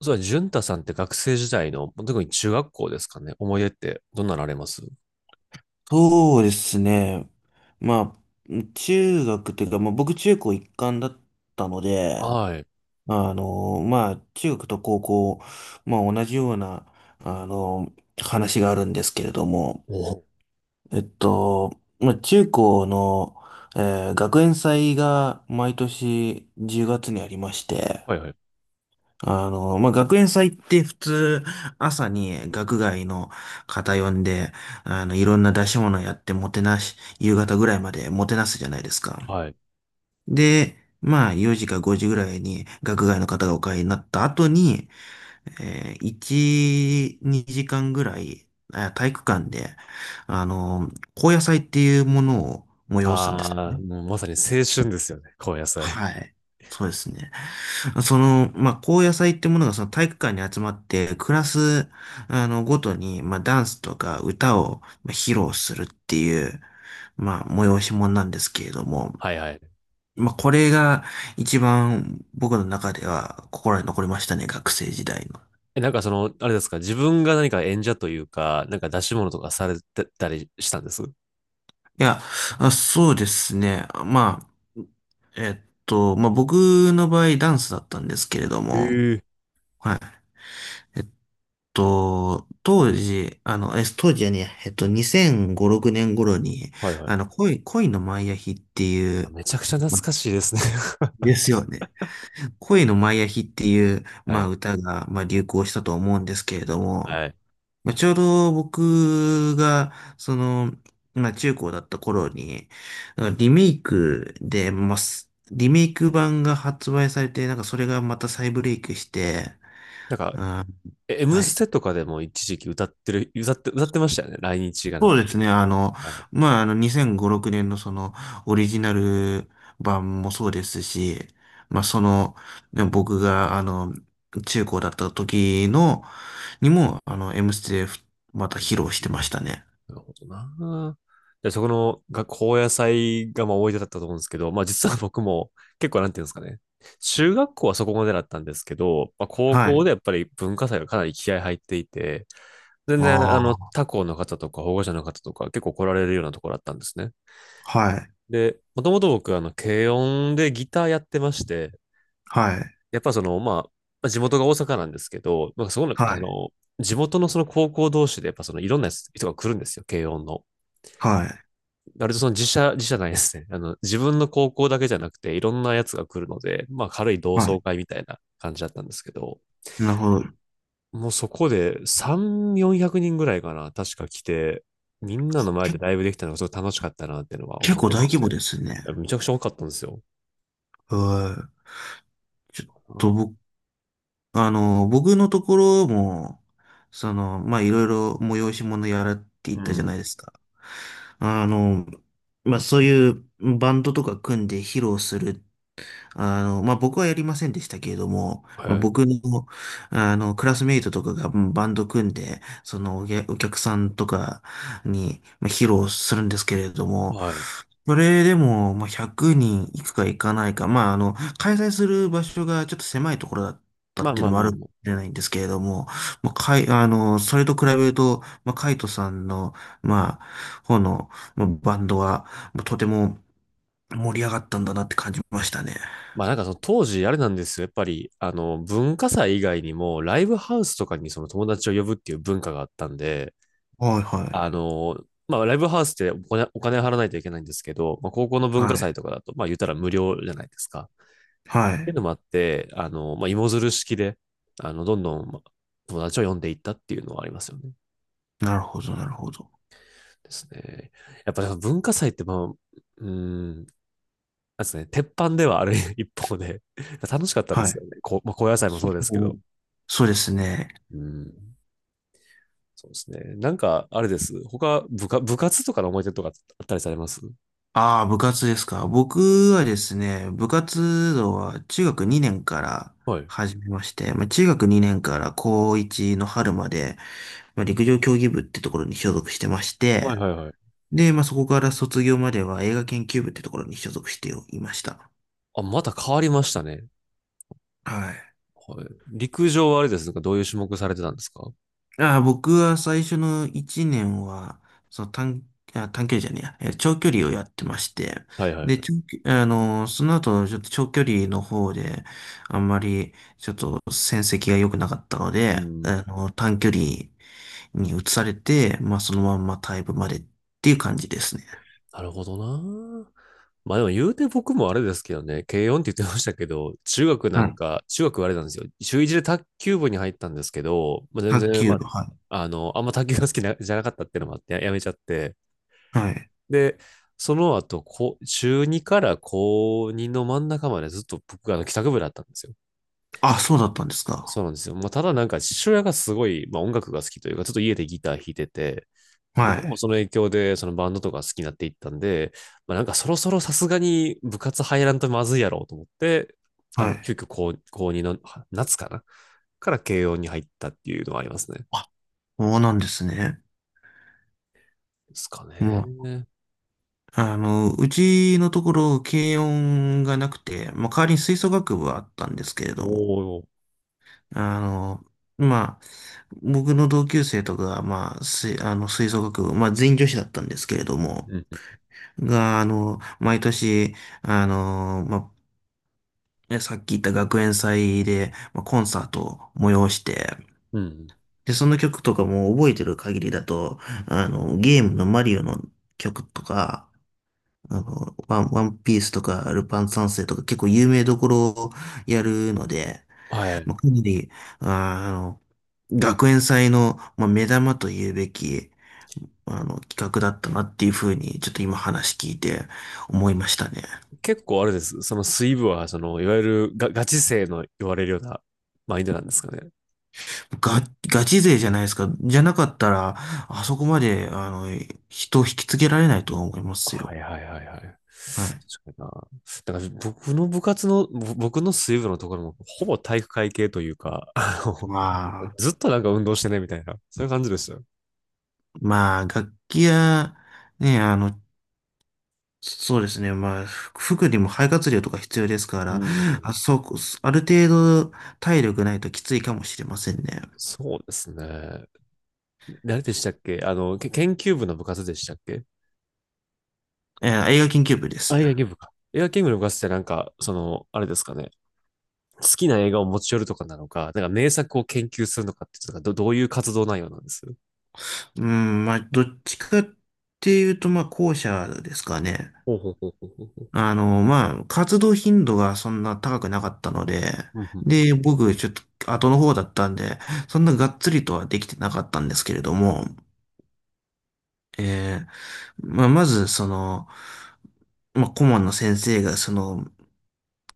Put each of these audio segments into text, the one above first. そうだね、淳太さんって学生時代の、特に中学校ですかね。思い出ってどんなのあります？そうですね。まあ、中学というか、まあ、僕中高一貫だったので、はい。あの、まあ、中学と高校、まあ、同じような、あの、話があるんですけれども、お、まあ、中高の、学園祭が毎年10月にありまして、はいはい。あの、まあ、学園祭って普通、朝に学外の方呼んで、あの、いろんな出し物やってもてなし、夕方ぐらいまでもてなすじゃないですか。はい。で、まあ、4時か5時ぐらいに学外の方がお帰りになった後に、1、2時間ぐらい、体育館で、あの、高野祭っていうものを催すんですよああ、ね。もうまさに青春ですよね。高野菜。はい。そうですね。その、まあ、高野祭ってものがその体育館に集まって、クラス、あの、ごとに、まあ、ダンスとか歌をまあ披露するっていう、まあ、催し物なんですけれども、はいはい。まあ、これが一番僕の中では心に残りましたね、学生時代の。え、なんかその、あれですか、自分が何か演者というか、なんか出し物とかされてたりしたんです？いや、あ、そうですね。まあ、えっまあ、僕の場合ダンスだったんですけれども、ええ、はい。と、当時、あの、当時はねえ、2005、6年頃に、はいはい。あの、恋のマイアヒっていあ、う、めちゃくちゃ懐まかしいですね。ですよね。恋のマイアヒっていう、はまあ、い。歌が、まあ、流行したと思うんですけれども、はい。まあ、ちょうど僕が、その、まあ、中高だった頃に、なんかリメイクで、まあ、リメイク版が発売されて、なんかそれがまた再ブレイクして、なんうか、ん、え、 M はスい。テとかでも一時期歌ってる、歌って、歌ってましたよね。来日がなんそか。うですね。あの、はい。まあ、あの、2005年のその、オリジナル版もそうですし、まあ、その、ね、僕が、あの、中高だった時の、にも、あの、M ステでまた披露してましたね。なるほどな。で、そこの学校野菜がまあ思い出だったと思うんですけど、まあ実は僕も結構なんていうんですかね。中学校はそこまでだったんですけど、まあ、高は校い。でやっぱり文化祭がかなり気合入っていて、全然あのああ、他校の方とか保護者の方とか結構来られるようなところだったんですね。はい、で、もともと僕あの軽音でギターやってまして、はい、やっぱそのまあ、まあ、地元が大阪なんですけど、まあ、そこのあはい、の地元のその高校同士でやっぱそのいろんな人が来るんですよ、軽音の。はい、割とその自社、自社ないですね。あの、自分の高校だけじゃなくて、いろんなやつが来るので、まあ軽い同は窓い。会みたいな感じだったんですけど、なるほど。もうそこで3、400人ぐらいかな、確か来て、みんなの前でけ、ライブできたのがすごい楽しかったなっていうのは結思い構出大とし規て、模いですね。や、めちゃくちゃ多かったんですよ。はい。ちょっと僕のところも、その、まあ、いろいろ催し物やらって言うったじゃないでん。すか。あの、まあ、そういうバンドとか組んで披露する、あの、まあ、僕はやりませんでしたけれども、はまあ、い。僕の、あの、クラスメイトとかが、うん、バンド組んで、そのお客さんとかに、まあ、披露するんですけれども、はい。それでも、まあ、100人いくかいかないか、まあ、あの、開催する場所がちょっと狭いところだったまっあていうまあのもあまあるかもましあ。れないんですけれども、まあ、あの、それと比べると、まあ、カイトさんの、まあ、方の、まあバンドは、まあとても盛り上がったんだなって感じましたね。まあなんかその当時あれなんですよ。やっぱり、あの、文化祭以外にも、ライブハウスとかにその友達を呼ぶっていう文化があったんで、はいはいまあ、ライブハウスってお金、お金払わないといけないんですけど、まあ、高校の文化はい。祭とかだと、まあ、言ったら無料じゃないですか。っはていうい。のもあって、まあ、芋づる式で、あの、どんどん、まあ、友達を呼んでいったっていうのはありますよね。なるほど、なるほど。ですね。やっぱりその文化祭って、まあ、なんですね、鉄板ではある 一方で、楽しかったではすい。よね。こう、まあ、高野菜もそうですけお、ど。そうですね。うん、そうですね。なんか、あれです。他、部下、部活とかの思い出とかあったりされます？ああ、部活ですか。僕はですね、部活動は中学2年からはい。始めまして、まあ、中学2年から高1の春まで、まあ、陸上競技部ってところに所属してましはて、いはいはい。で、まあ、そこから卒業までは映画研究部ってところに所属していました。あ、また変わりましたね。はい。はい、陸上はあれですか、どういう種目されてたんですか？ああ、僕は最初の1年は、その短、あ、短距離じゃねえや、長距離をやってまして、はいはで、い。長距その後、ちょっと長距離の方で、あんまり、ちょっと戦績が良くなかったのうで、ん。短距離に移されて、まあ、そのまんまタイ部までっていう感じですね。なるほどな。まあでも言うて僕もあれですけどね、軽音って言ってましたけど、中学なはんい。か、中学はあれなんですよ。中1で卓球部に入ったんですけど、まあ、全卓然、球まあ、部、はい。あの、あんま卓球が好きなじゃなかったっていうのもあって、や、やめちゃって。はい。で、その後、こう中2から高2の真ん中までずっと僕があの帰宅部だったんですよ。あ、そうだったんですそか。うなんですよ。まあ、ただなんか父親がすごい、まあ、音楽が好きというか、ちょっと家でギター弾いてて、では僕もい。その影響でそのバンドとか好きになっていったんで、まあ、なんかそろそろさすがに部活入らんとまずいやろうと思って、あはの、い。急遽高、高2のは夏かなから慶応に入ったっていうのはありますね。あ、そうなんですね。ですかうん、ね。あの、うちのところ、軽音がなくて、まあ、代わりに吹奏楽部はあったんですけれお、ども、お、あの、まあ、僕の同級生とかが、まあ、吹、あの、吹奏楽部、まあ、全員女子だったんですけれども、うん、が、あの、毎年、あの、まあ、ね、さっき言った学園祭で、まあ、コンサートを催して、うん。で、その曲とかも覚えてる限りだと、あの、ゲームのマリオの曲とか、あの、ワンピースとか、ルパン三世とか、結構有名どころをやるので、はい。まあ、かなり、あーあの、学園祭の、まあ、目玉と言うべき、あの、企画だったなっていうふうに、ちょっと今話聞いて思いましたね。結構あれです。その水部は、その、いわゆるガ、ガチ勢の言われるようなマインドなんですかね。ガ、ガチ勢じゃないですか。じゃなかったら、あそこまで、あの、人を引きつけられないと思いますはいよ。はいはいはい。確かはい。にな。だから僕の部活の、ぼ、僕の水部のところも、ほぼ体育会系というか、あの、まあ、ずっとなんか運動してねみたいな、そういう感じですよ。まあ、楽器や、ね、あの、そうですね。まあ、服にも肺活量とか必要ですかうら、あ、ん。そうこ、ある程度体力ないときついかもしれませんね。そうですね。誰でしたっけ、あの、け研究部の部活でしたっけ？映画研究部です。あ、野球部か。映画研究部の部活ってなんか、その、あれですかね。好きな映画を持ち寄るとかなのか、なんか名作を研究するのかって、かど、どういう活動内容なんです？うん、まあ、どっちかっていうと、まあ、後者ですかね。ほうほうほうほうほう。あの、まあ、活動頻度がそんな高くなかったので、うんうん、で、僕、ちょっと後の方だったんで、そんながっつりとはできてなかったんですけれども、えーまあ、まず、その、まあ、顧問の先生が、その、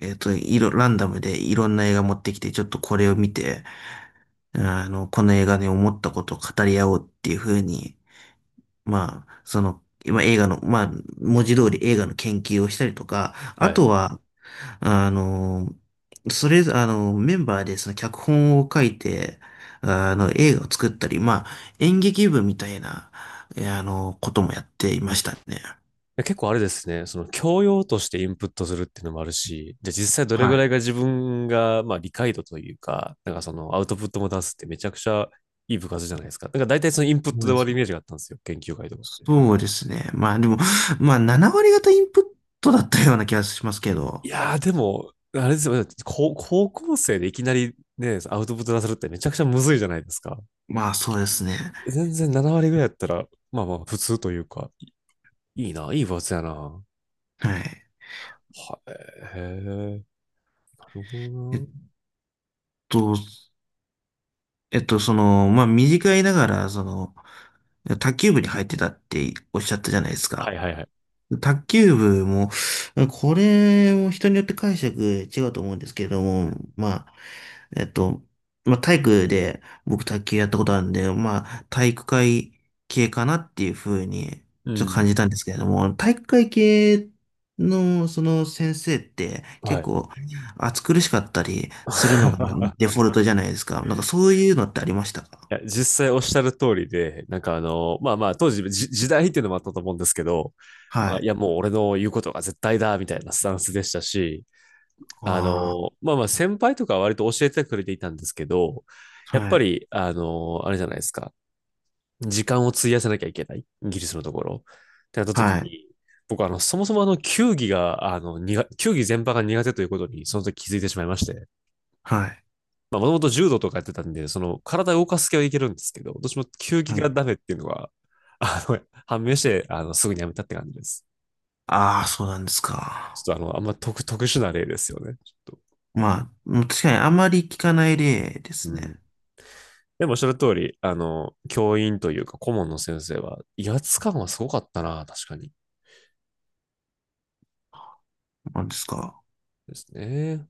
ランダムでいろんな映画持ってきて、ちょっとこれを見て、あの、この映画で思ったことを語り合おうっていう風に、まあ、その、今映画の、まあ、文字通り映画の研究をしたりとか、はあい。とは、あの、それ、あの、メンバーでその脚本を書いて、あの、映画を作ったり、まあ、演劇部みたいな、あの、こともやっていましたね。や、結構あれですね、その教養としてインプットするっていうのもあるし、じゃあ実際どれはぐらいい。が自分が、まあ理解度というか、なんかそのアウトプットも出すってめちゃくちゃいい部活じゃないですか。なんか大体そのインプッそトうでで終わす、るイメージがあったんですよ、研究会とか。そうですね。まあでも、まあ7割方インプットだったような気がしますけいど。やーでも、あれですよ、高、高校生でいきなりね、アウトプット出せるってめちゃくちゃむずいじゃないですか。まあそうですね。全然7割ぐらいやったら、まあまあ普通というか、いいな、いい部活やな。ははい。い、へえ、なるほえどっな。と、その、まあ短いながら、その、卓球部に入ってたっておっしゃったじゃないですはか。いはいはい。卓球部も、これも人によって解釈違うと思うんですけれども、まあ、えっと、まあ、体育で僕卓球やったことあるんで、まあ、体育会系かなっていうふうにうちょっと感ん。じたんですけれども、体育会系のその先生っては結い。構暑苦しかったりするのが デフォルトじゃないですか。なんかそういうのってありましたか？いや、実際おっしゃる通りで、なんかあの、まあまあ、当時じ時代っていうのもあったと思うんですけど、はまあ、いい。や、もう俺の言うことが絶対だ、みたいなスタンスでしたし、ああの、まあまあ、先輩とかは割と教えてくれていたんですけど、あ、やっはぱい。り、あの、あれじゃないですか、時間を費やさなきゃいけない、イギリスのところ。ってなった時はい。に、僕はあの、そもそもあの、球技が、あの、苦球技全般が苦手ということに、その時気づいてしまいまして。はい。まあ、もともと柔道とかやってたんで、その体を動かす系はいけるんですけど、どっちも球技はがい。ダメっていうのは、あの、判明して、あの、すぐにやめたって感じです。ああ、そうなんですちか。ょっとあの、あんま特、特殊な例ですよね。ちょっと。まあ、確かにあまり聞かない例でうすね。ん。でもおっしゃる通り、あの、教員というか顧問の先生は、威圧感はすごかったな、確かに。なんですか。ですね。